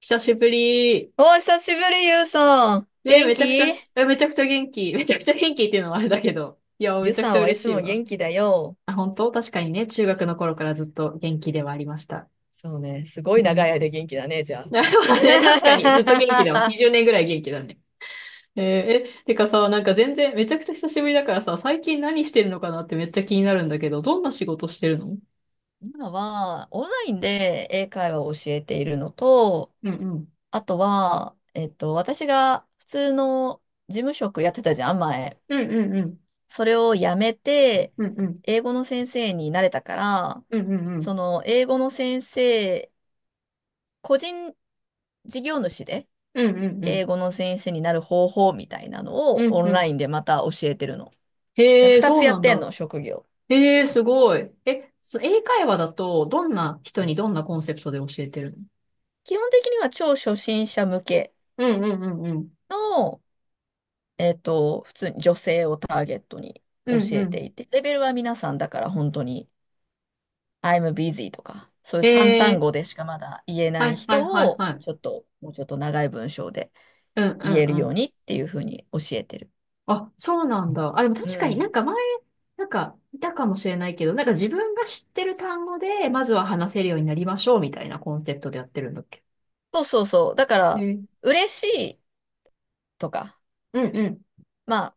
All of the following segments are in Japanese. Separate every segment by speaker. Speaker 1: 久しぶり。
Speaker 2: お、久しぶり、ゆうさん。
Speaker 1: ね、
Speaker 2: 元気？
Speaker 1: めちゃくちゃ元気。めちゃくちゃ元気っていうのもあれだけど。いや、め
Speaker 2: ゆう
Speaker 1: ちゃく
Speaker 2: さ
Speaker 1: ちゃ
Speaker 2: んはい
Speaker 1: 嬉
Speaker 2: つ
Speaker 1: しい
Speaker 2: も
Speaker 1: わ。
Speaker 2: 元気だよ。
Speaker 1: あ、本当確かにね、中学の頃からずっと元気ではありました。
Speaker 2: そうね、すごい
Speaker 1: う
Speaker 2: 長い
Speaker 1: ん。
Speaker 2: 間元気だね、じゃ
Speaker 1: あ、そうだね、確かに。ずっと元気だわ。
Speaker 2: あ。
Speaker 1: 20年ぐらい元気だね。えーえ、てかさ、なんか全然、めちゃくちゃ久しぶりだからさ、最近何してるのかなってめっちゃ気になるんだけど、どんな仕事してるの？うん
Speaker 2: 今は、オンラインで英会話を教えているのと、
Speaker 1: うん。
Speaker 2: あとは、私が普通の事務職やってたじゃん、前。
Speaker 1: うんうんうん。
Speaker 2: それを辞めて、
Speaker 1: うんうん。
Speaker 2: 英語の先生になれたから、
Speaker 1: うんうんう
Speaker 2: そ
Speaker 1: ん。
Speaker 2: の、英語の先生、個人事業主で、
Speaker 1: うんうんう
Speaker 2: 英
Speaker 1: ん。
Speaker 2: 語の先生になる方法みたいなの
Speaker 1: う
Speaker 2: を
Speaker 1: ん
Speaker 2: オン
Speaker 1: う
Speaker 2: ライ
Speaker 1: ん。
Speaker 2: ンでまた教えてるの。で
Speaker 1: へえ、
Speaker 2: 二
Speaker 1: そ
Speaker 2: つ
Speaker 1: う
Speaker 2: や
Speaker 1: な
Speaker 2: っ
Speaker 1: ん
Speaker 2: てん
Speaker 1: だ。
Speaker 2: の、職業。
Speaker 1: ええ、すごい。え、英会話だと、どんな人にどんなコンセプトで教えてるの？
Speaker 2: 基本的には超初心者向け
Speaker 1: うんうんうんうん。
Speaker 2: の、普通に女性をターゲットに
Speaker 1: う
Speaker 2: 教
Speaker 1: んう
Speaker 2: えて
Speaker 1: ん。
Speaker 2: いて、レベルは皆さんだから本当に I'm busy とか、そういう三単
Speaker 1: ええ、
Speaker 2: 語でしかまだ言え
Speaker 1: は
Speaker 2: ない
Speaker 1: いはいは
Speaker 2: 人
Speaker 1: い
Speaker 2: を、
Speaker 1: はい。
Speaker 2: ちょっと、もうちょっと長い文章で
Speaker 1: うんう
Speaker 2: 言え
Speaker 1: ん
Speaker 2: る
Speaker 1: う
Speaker 2: よう
Speaker 1: ん。
Speaker 2: にっていうふうに教えてる。
Speaker 1: あ、そうなんだ。あ、でも
Speaker 2: う
Speaker 1: 確かにな
Speaker 2: ん。
Speaker 1: んか前、なんか、いたかもしれないけど、なんか自分が知ってる単語で、まずは話せるようになりましょうみたいなコンセプトでやってるんだっけ？
Speaker 2: そうそうそう。だから、
Speaker 1: ええ。
Speaker 2: 嬉しいとか、
Speaker 1: うんうん。
Speaker 2: まあ、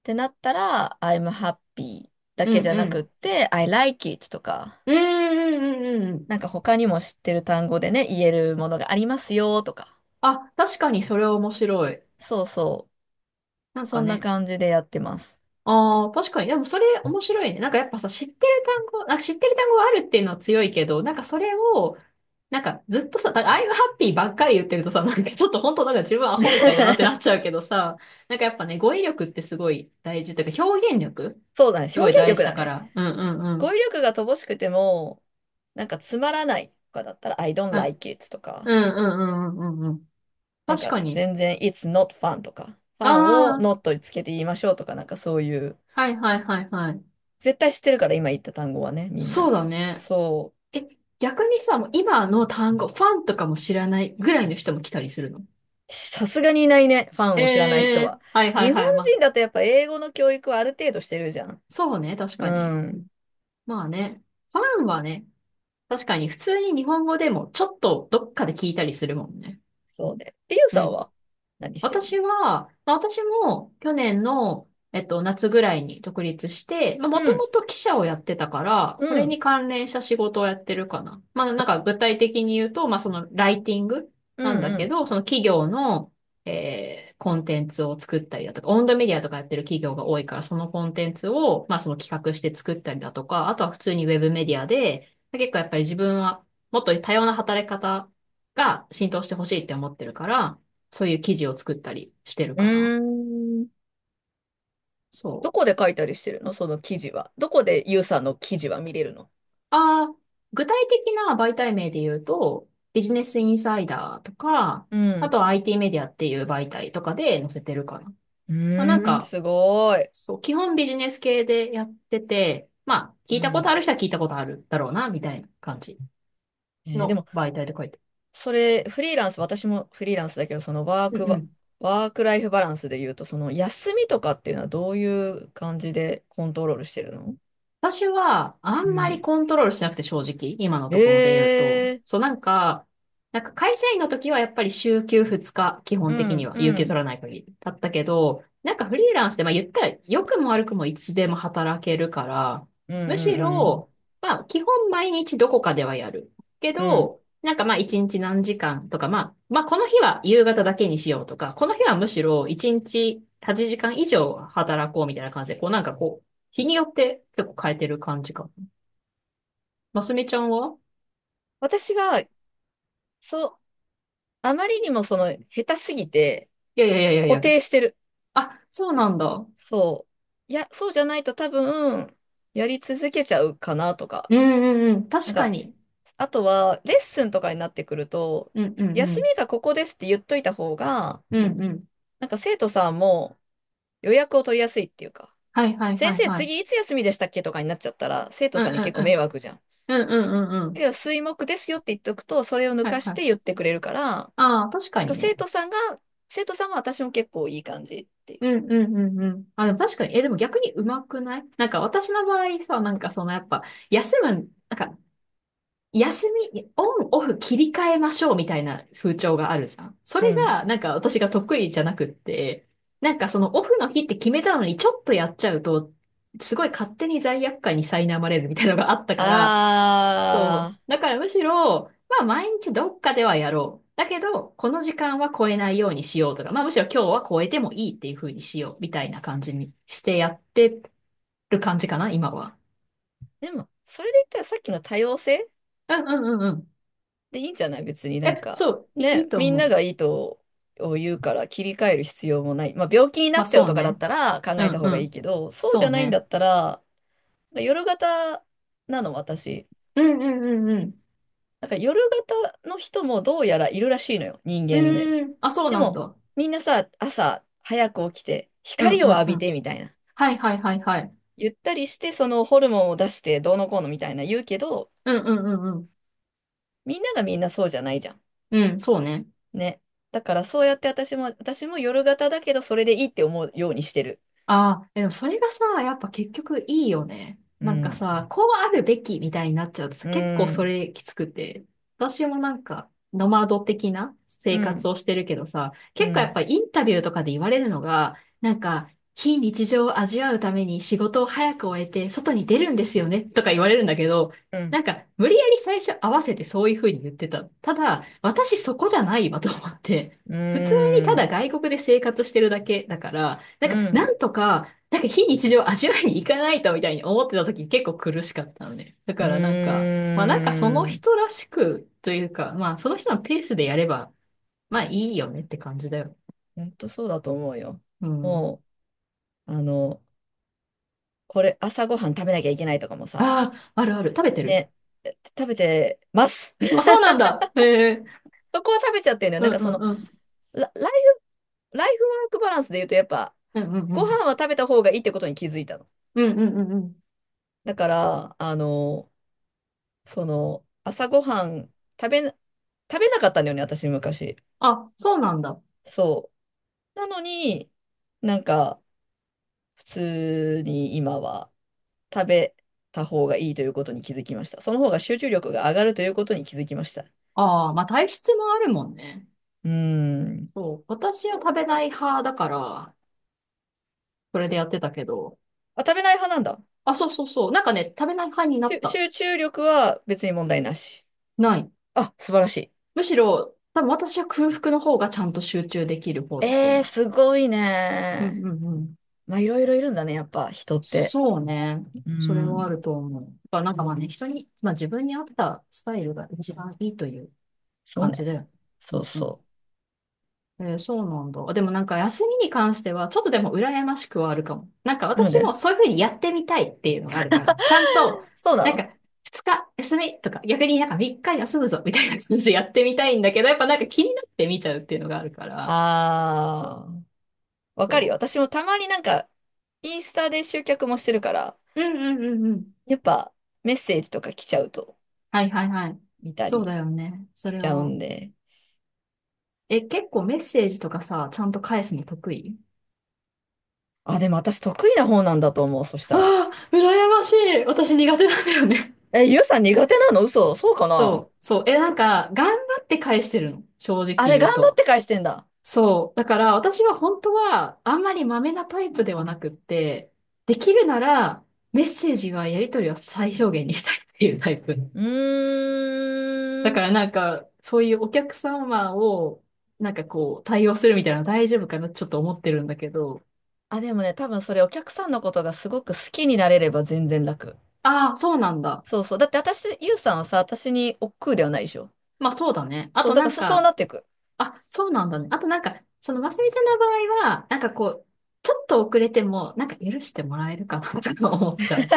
Speaker 2: ってなったら、I'm happy だ
Speaker 1: う
Speaker 2: けじ
Speaker 1: ん
Speaker 2: ゃ
Speaker 1: う
Speaker 2: なくっ
Speaker 1: ん。
Speaker 2: て、I like it とか、
Speaker 1: うんうんうんうんうん。
Speaker 2: なんか他にも知ってる単語でね、言えるものがありますよとか。
Speaker 1: あ、確かにそれは面白い。
Speaker 2: そうそ
Speaker 1: な
Speaker 2: う。
Speaker 1: ん
Speaker 2: そ
Speaker 1: か
Speaker 2: んな
Speaker 1: ね、
Speaker 2: 感じでやってます。
Speaker 1: ああ、確かに。でもそれ面白いね。なんかやっぱさ、知ってる単語があるっていうのは強いけど、なんかそれを、なんかずっとさ、だから I'm happy ばっかり言ってるとさ、なんかちょっと本当なんか自分アホみたいだなって なっちゃうけどさ、なんかやっぱね、語彙力ってすごい大事というか、表現力
Speaker 2: そうだね。
Speaker 1: す
Speaker 2: 表
Speaker 1: ごい
Speaker 2: 現
Speaker 1: 大事
Speaker 2: 力
Speaker 1: だ
Speaker 2: だ
Speaker 1: か
Speaker 2: ね。
Speaker 1: ら。うんうんうん。
Speaker 2: 語彙力が乏しくても、なんかつまらないとかだったら、I don't
Speaker 1: うん、
Speaker 2: like it と
Speaker 1: う
Speaker 2: か、
Speaker 1: んうんうんうんうんうん。
Speaker 2: なん
Speaker 1: 確
Speaker 2: か
Speaker 1: かに。
Speaker 2: 全然 It's not fun とか、フ
Speaker 1: あ
Speaker 2: ァンを
Speaker 1: あ、
Speaker 2: not につけて言いましょうとか、なんかそういう、
Speaker 1: はいはいはいはい。
Speaker 2: 絶対知ってるから今言った単語はね、みん
Speaker 1: そう
Speaker 2: な。
Speaker 1: だね。
Speaker 2: そう。
Speaker 1: え、逆にさ、もう今の単語、ファンとかも知らないぐらいの人も来たりするの？
Speaker 2: さすがにいないね。ファンを知らない
Speaker 1: え
Speaker 2: 人
Speaker 1: え、
Speaker 2: は。
Speaker 1: はいはい
Speaker 2: 日本
Speaker 1: はい。まあ、
Speaker 2: 人だとやっぱ英語の教育はある程度してるじゃん。
Speaker 1: そうね、確
Speaker 2: う
Speaker 1: かに。
Speaker 2: ん。
Speaker 1: まあね、ファンはね、確かに普通に日本語でもちょっとどっかで聞いたりするもんね。
Speaker 2: そうね。リュウ
Speaker 1: う
Speaker 2: さん
Speaker 1: ん。
Speaker 2: は何してるの？
Speaker 1: 私は、まあ、私も去年の、夏ぐらいに独立して、まあ、も
Speaker 2: う
Speaker 1: と
Speaker 2: ん。
Speaker 1: もと記者をやってたから、
Speaker 2: う
Speaker 1: それ
Speaker 2: ん。
Speaker 1: に関連した仕事をやってるかな。まあ、なんか具体的に言うと、まあ、そのライティングな
Speaker 2: う
Speaker 1: んだけ
Speaker 2: ん。
Speaker 1: ど、その企業の、コンテンツを作ったりだとか、オウンドメディアとかやってる企業が多いから、そのコンテンツを、まあ、その企画して作ったりだとか、あとは普通にウェブメディアで、結構やっぱり自分はもっと多様な働き方が浸透してほしいって思ってるから、そういう記事を作ったりしてる
Speaker 2: う
Speaker 1: かな。
Speaker 2: ん。うーん。
Speaker 1: そ
Speaker 2: どこ
Speaker 1: う。
Speaker 2: で書いたりしてるの？その記事は。どこでユウさんの記事は見れるの？
Speaker 1: ああ、具体的な媒体名で言うと、ビジネスインサイダーとか、
Speaker 2: う
Speaker 1: あ
Speaker 2: ん。
Speaker 1: とは IT メディアっていう媒体とかで載せてるかな。
Speaker 2: う
Speaker 1: まあなん
Speaker 2: ーん。
Speaker 1: か、
Speaker 2: すごい。
Speaker 1: そう、基本ビジネス系でやってて、まあ、聞
Speaker 2: う
Speaker 1: いたことあ
Speaker 2: ん。
Speaker 1: る人は聞いたことあるだろうな、みたいな感じ
Speaker 2: で
Speaker 1: の
Speaker 2: も
Speaker 1: 媒体で書いて。
Speaker 2: それ、フリーランス、私もフリーランスだけど、
Speaker 1: うんうん。
Speaker 2: ワークライフバランスで言うと、その休みとかっていうのはどういう感じでコントロールしてるの？
Speaker 1: 私は、あん
Speaker 2: う
Speaker 1: まり
Speaker 2: ん。
Speaker 1: コントロールしなくて正直、今のところで
Speaker 2: え
Speaker 1: 言うと。
Speaker 2: え。
Speaker 1: そう、なんか、なんか会社員の時はやっぱり週休2日、基本
Speaker 2: う
Speaker 1: 的に
Speaker 2: ん、
Speaker 1: は、
Speaker 2: う
Speaker 1: 有給取
Speaker 2: ん、
Speaker 1: らない限りだったけど、なんかフリーランスで、まあ言ったら、良くも悪くもいつでも働けるから、
Speaker 2: うん、
Speaker 1: む
Speaker 2: う
Speaker 1: し
Speaker 2: ん、うん。
Speaker 1: ろ、まあ基本毎日どこかではやる。け
Speaker 2: うん。
Speaker 1: ど、なんかまあ一日何時間とか、まあ、まあこの日は夕方だけにしようとか、この日はむしろ一日8時間以上働こうみたいな感じで、こうなんかこう、日によって結構変えてる感じか。ますみちゃんは？
Speaker 2: 私は、そう、あまりにも下手すぎて、
Speaker 1: いやいやいやいや
Speaker 2: 固
Speaker 1: いや。
Speaker 2: 定してる。
Speaker 1: あ、そうなんだ。うん
Speaker 2: そう。いや、そうじゃないと多分、やり続けちゃうかなとか。
Speaker 1: うんうん。
Speaker 2: な
Speaker 1: 確
Speaker 2: ん
Speaker 1: か
Speaker 2: か、
Speaker 1: に。
Speaker 2: あとは、レッスンとかになってくると、
Speaker 1: うんうんう
Speaker 2: 休
Speaker 1: ん。
Speaker 2: みがここですって言っといた方が、
Speaker 1: うんうん。
Speaker 2: なんか生徒さんも予約を取りやすいっていうか、
Speaker 1: はいはいは
Speaker 2: 先
Speaker 1: い
Speaker 2: 生
Speaker 1: はい。
Speaker 2: 次いつ休みでしたっけとかになっちゃったら、生徒
Speaker 1: うんう
Speaker 2: さんに結
Speaker 1: ん
Speaker 2: 構
Speaker 1: う
Speaker 2: 迷
Speaker 1: ん。
Speaker 2: 惑じゃん。だ
Speaker 1: うんうんうんう
Speaker 2: け
Speaker 1: ん。
Speaker 2: ど、水木ですよって言っておくと、それを抜
Speaker 1: はい
Speaker 2: か
Speaker 1: は
Speaker 2: して言っ
Speaker 1: い。
Speaker 2: てくれるから、なん
Speaker 1: ああ、確か
Speaker 2: か
Speaker 1: にね。
Speaker 2: 生徒さんは私も結構いい感じってい
Speaker 1: うんうんうんうん。あ、でも確かに。え、でも逆にうまくないなんか私の場合さ、なんかそのやっぱ、休む、なんか休み、オン、オフ切り替えましょうみたいな風潮があるじゃん。そ
Speaker 2: う。
Speaker 1: れ
Speaker 2: うん。
Speaker 1: が、なんか私が得意じゃなくって、なんかそのオフの日って決めたのにちょっとやっちゃうと、すごい勝手に罪悪感に苛まれるみたいなのがあったから、
Speaker 2: あ
Speaker 1: そう。だからむしろ、まあ毎日どっかではやろう。だけど、この時間は超えないようにしようとか、まあむしろ今日は超えてもいいっていう風にしようみたいな感じにしてやってる感じかな、今は。
Speaker 2: ー。でも、それで言ったらさっきの多様性
Speaker 1: うんうんうんうん。
Speaker 2: でいいんじゃない別になん
Speaker 1: え、
Speaker 2: か。
Speaker 1: そう、いい
Speaker 2: ね、
Speaker 1: と
Speaker 2: みん
Speaker 1: 思
Speaker 2: な
Speaker 1: う。
Speaker 2: がいいとを言うから切り替える必要もない。まあ、病気にな
Speaker 1: まあ
Speaker 2: っちゃう
Speaker 1: そう
Speaker 2: とかだっ
Speaker 1: ね。
Speaker 2: たら考
Speaker 1: う
Speaker 2: えた
Speaker 1: ん
Speaker 2: 方
Speaker 1: う
Speaker 2: がいい
Speaker 1: ん。
Speaker 2: けど、そうじ
Speaker 1: そ
Speaker 2: ゃ
Speaker 1: う
Speaker 2: ないんだ
Speaker 1: ね。
Speaker 2: ったら、なんか夜型なの、私。
Speaker 1: うんうんうんうん。
Speaker 2: なんか夜型の人もどうやらいるらしいのよ、人
Speaker 1: う
Speaker 2: 間でも。
Speaker 1: ーん。あ、そう
Speaker 2: で
Speaker 1: なん
Speaker 2: も、
Speaker 1: だ。
Speaker 2: みんなさ、朝早く起きて、
Speaker 1: うん
Speaker 2: 光
Speaker 1: う
Speaker 2: を
Speaker 1: ん
Speaker 2: 浴
Speaker 1: う
Speaker 2: び
Speaker 1: ん。
Speaker 2: てみたいな。
Speaker 1: はいはいはいはい。
Speaker 2: ゆったりして、そのホルモンを出してどうのこうのみたいな言うけど、
Speaker 1: うんうんうんうん。
Speaker 2: みんながみんなそうじゃないじゃん。
Speaker 1: うん、そうね。
Speaker 2: ね。だからそうやって私も夜型だけど、それでいいって思うようにしてる。
Speaker 1: ああ、でもそれがさ、やっぱ結局いいよね。
Speaker 2: う
Speaker 1: なんか
Speaker 2: ん。
Speaker 1: さ、こうあるべきみたいになっちゃうとさ、
Speaker 2: う
Speaker 1: 結構そ
Speaker 2: ん。
Speaker 1: れきつくて。私もなんか、ノマド的な
Speaker 2: う
Speaker 1: 生活
Speaker 2: ん。
Speaker 1: をしてるけどさ、
Speaker 2: う
Speaker 1: 結構やっ
Speaker 2: ん。
Speaker 1: ぱインタビューとかで言われるのが、なんか、非日常を味わうために仕事を早く終えて外に出るんですよねとか言われるんだけど、
Speaker 2: う
Speaker 1: な
Speaker 2: ん。
Speaker 1: んか、無理やり最初合わせてそういう風に言ってた。ただ、私そこじゃないわと思って。
Speaker 2: う
Speaker 1: 普通にただ
Speaker 2: ん。
Speaker 1: 外国で生活してるだけだから、なん
Speaker 2: う
Speaker 1: か、
Speaker 2: ん。
Speaker 1: なんとか、なんか非日常を味わいに行かないとみたいに思ってた時結構苦しかったのね。だ
Speaker 2: う
Speaker 1: からなんか、まあなんかその
Speaker 2: ん。
Speaker 1: 人らしくというか、まあその人のペースでやれば、まあいいよねって感じだよ。
Speaker 2: 本当そうだと思うよ。
Speaker 1: うん。
Speaker 2: もう、これ朝ごはん食べなきゃいけないとかもさ、
Speaker 1: ああ、あるある。食べてる？
Speaker 2: ね、食べてます。
Speaker 1: あ、そうなんだ。へえ。
Speaker 2: そこは食べちゃってるのよ。な
Speaker 1: う
Speaker 2: ん
Speaker 1: ん
Speaker 2: かそ
Speaker 1: う
Speaker 2: の、
Speaker 1: んうん。
Speaker 2: ラ、ライライフワークバランスで言うとやっぱ、
Speaker 1: うんうんう
Speaker 2: ご
Speaker 1: ん。
Speaker 2: 飯は食べた方がいいってことに気づいたの。
Speaker 1: うんうんうんうん。
Speaker 2: だから、朝ごはん食べな、食べなかったんだよね、私昔。
Speaker 1: あ、そうなんだ。
Speaker 2: そう。なのに、なんか、普通に今は食べた方がいいということに気づきました。その方が集中力が上がるということに気づきました。う
Speaker 1: ああ、まあ体質もあるもんね。
Speaker 2: ーん。
Speaker 1: そう。私は食べない派だから、それでやってたけど、
Speaker 2: あ、食べない派なんだ。
Speaker 1: あ、そうそうそう。なんかね、食べない感になった。
Speaker 2: 集中力は別に問題なし。
Speaker 1: ない。
Speaker 2: あ、素晴らしい。
Speaker 1: むしろ、多分私は空腹の方がちゃんと集中できる方だと思
Speaker 2: すごい
Speaker 1: う。うんう
Speaker 2: ね。
Speaker 1: んうん。
Speaker 2: まあ、いろいろいるんだね、やっぱ、人って。
Speaker 1: そうね。
Speaker 2: うー
Speaker 1: それはあ
Speaker 2: ん。
Speaker 1: ると思う。やっぱなんかまあね、人に、まあ自分に合ったスタイルが一番いいという
Speaker 2: そう
Speaker 1: 感
Speaker 2: ね。
Speaker 1: じだよね。う
Speaker 2: そう
Speaker 1: んうん。
Speaker 2: そ
Speaker 1: そうなんだ。でもなんか休みに関しては、ちょっとでも羨ましくはあるかも。なんか
Speaker 2: う。の
Speaker 1: 私も
Speaker 2: で、
Speaker 1: そういうふうにやってみたいっていうのがあるから、ちゃんと、
Speaker 2: そうな
Speaker 1: なんか
Speaker 2: の？
Speaker 1: 2日休みとか、逆になんか3日休むぞみたいな感じでやってみたいんだけど、やっぱなんか気になって見ちゃうっていうのがあるから、
Speaker 2: あー、わかる
Speaker 1: そ
Speaker 2: よ。私もたまになんか、インスタで集客もしてるから、
Speaker 1: う。うんうんうんうん。
Speaker 2: やっぱ、メッセージとか来ちゃうと、
Speaker 1: はいはいはい。
Speaker 2: 見た
Speaker 1: そう
Speaker 2: り
Speaker 1: だよね。そ
Speaker 2: し
Speaker 1: れ
Speaker 2: ちゃう
Speaker 1: を。
Speaker 2: んで。
Speaker 1: え、結構メッセージとかさ、ちゃんと返すの得意？
Speaker 2: あ、でも私得意な方なんだと思う、そしたら。
Speaker 1: ああー、羨ましい。私苦手なんだよね。
Speaker 2: え、ゆうさん苦手なの？嘘？そうかな？
Speaker 1: そう、そう。え、なんか、頑張って返してるの。正直
Speaker 2: あれ、
Speaker 1: 言
Speaker 2: 頑
Speaker 1: う
Speaker 2: 張っ
Speaker 1: と。
Speaker 2: て返してんだ。
Speaker 1: そう。だから、私は本当は、あんまりマメなタイプではなくって、できるなら、メッセージはやり取りは最小限にしたいっていうタイプ。
Speaker 2: う
Speaker 1: だ
Speaker 2: ー
Speaker 1: か
Speaker 2: ん。
Speaker 1: らなんか、そういうお客様を、なんかこう、対応するみたいなの大丈夫かなってちょっと思ってるんだけど、
Speaker 2: あ、でもね、多分それお客さんのことがすごく好きになれれば全然楽。
Speaker 1: ああ、そうなんだ。
Speaker 2: そうそう。だって私、ゆうさんはさ、私に億劫ではないでしょ。
Speaker 1: まあそうだね。あ
Speaker 2: そ
Speaker 1: と
Speaker 2: う、だ
Speaker 1: な
Speaker 2: から
Speaker 1: ん
Speaker 2: そう
Speaker 1: か、
Speaker 2: なっていく。
Speaker 1: あ、そうなんだね。あとなんか、その、ますみちゃんの場合は、なんかこう、ちょっと遅れても、なんか許してもらえるかなとか思っちゃう。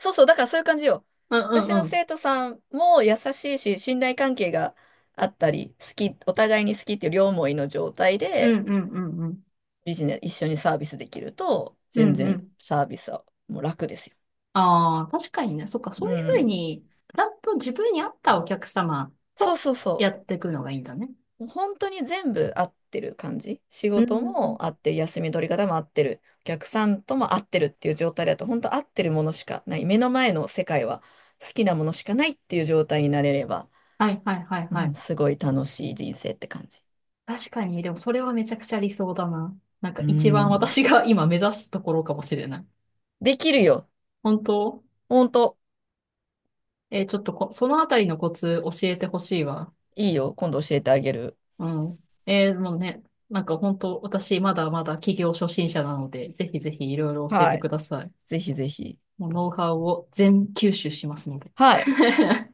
Speaker 2: そうそう、だからそういう感じよ。
Speaker 1: うん
Speaker 2: 私
Speaker 1: うん
Speaker 2: の
Speaker 1: うん。
Speaker 2: 生徒さんも優しいし、信頼関係があったり、お互いに好きっていう両思いの状態
Speaker 1: う
Speaker 2: で、
Speaker 1: んうんうんうん。
Speaker 2: ビジネス、一緒にサービスできると、
Speaker 1: う
Speaker 2: 全
Speaker 1: んう
Speaker 2: 然
Speaker 1: ん。
Speaker 2: サービスはもう楽ですよ。
Speaker 1: ああ、確かにね。そっか、そ
Speaker 2: う
Speaker 1: ういうふう
Speaker 2: ん。
Speaker 1: に、ちゃんと自分に合ったお客様
Speaker 2: そう
Speaker 1: と
Speaker 2: そう
Speaker 1: や
Speaker 2: そ
Speaker 1: っていくのがいいんだね。
Speaker 2: う。もう本当に全部合ってる感じ。仕
Speaker 1: う
Speaker 2: 事
Speaker 1: ん。
Speaker 2: も合ってる、休み取り方も合ってる、お客さんとも合ってるっていう状態だと、本当合ってるものしかない。目の前の世界は好きなものしかないっていう状態になれれば、
Speaker 1: はいはいはい
Speaker 2: う
Speaker 1: は
Speaker 2: ん、
Speaker 1: い。
Speaker 2: すごい楽しい人生って感じ。
Speaker 1: 確かに、でもそれはめちゃくちゃ理想だな。なんか
Speaker 2: う
Speaker 1: 一番
Speaker 2: ん。
Speaker 1: 私が今目指すところかもしれない。
Speaker 2: できるよ。
Speaker 1: 本当？
Speaker 2: 本当
Speaker 1: ちょっとそのあたりのコツ教えてほしいわ。
Speaker 2: いいよ。今度教えてあげる。
Speaker 1: うん。もうね、なんか本当、私まだまだ起業初心者なので、ぜひぜひいろいろ教え
Speaker 2: は
Speaker 1: て
Speaker 2: い。
Speaker 1: ください。
Speaker 2: ぜひぜひ。
Speaker 1: もうノウハウを全吸収しますので。
Speaker 2: はい。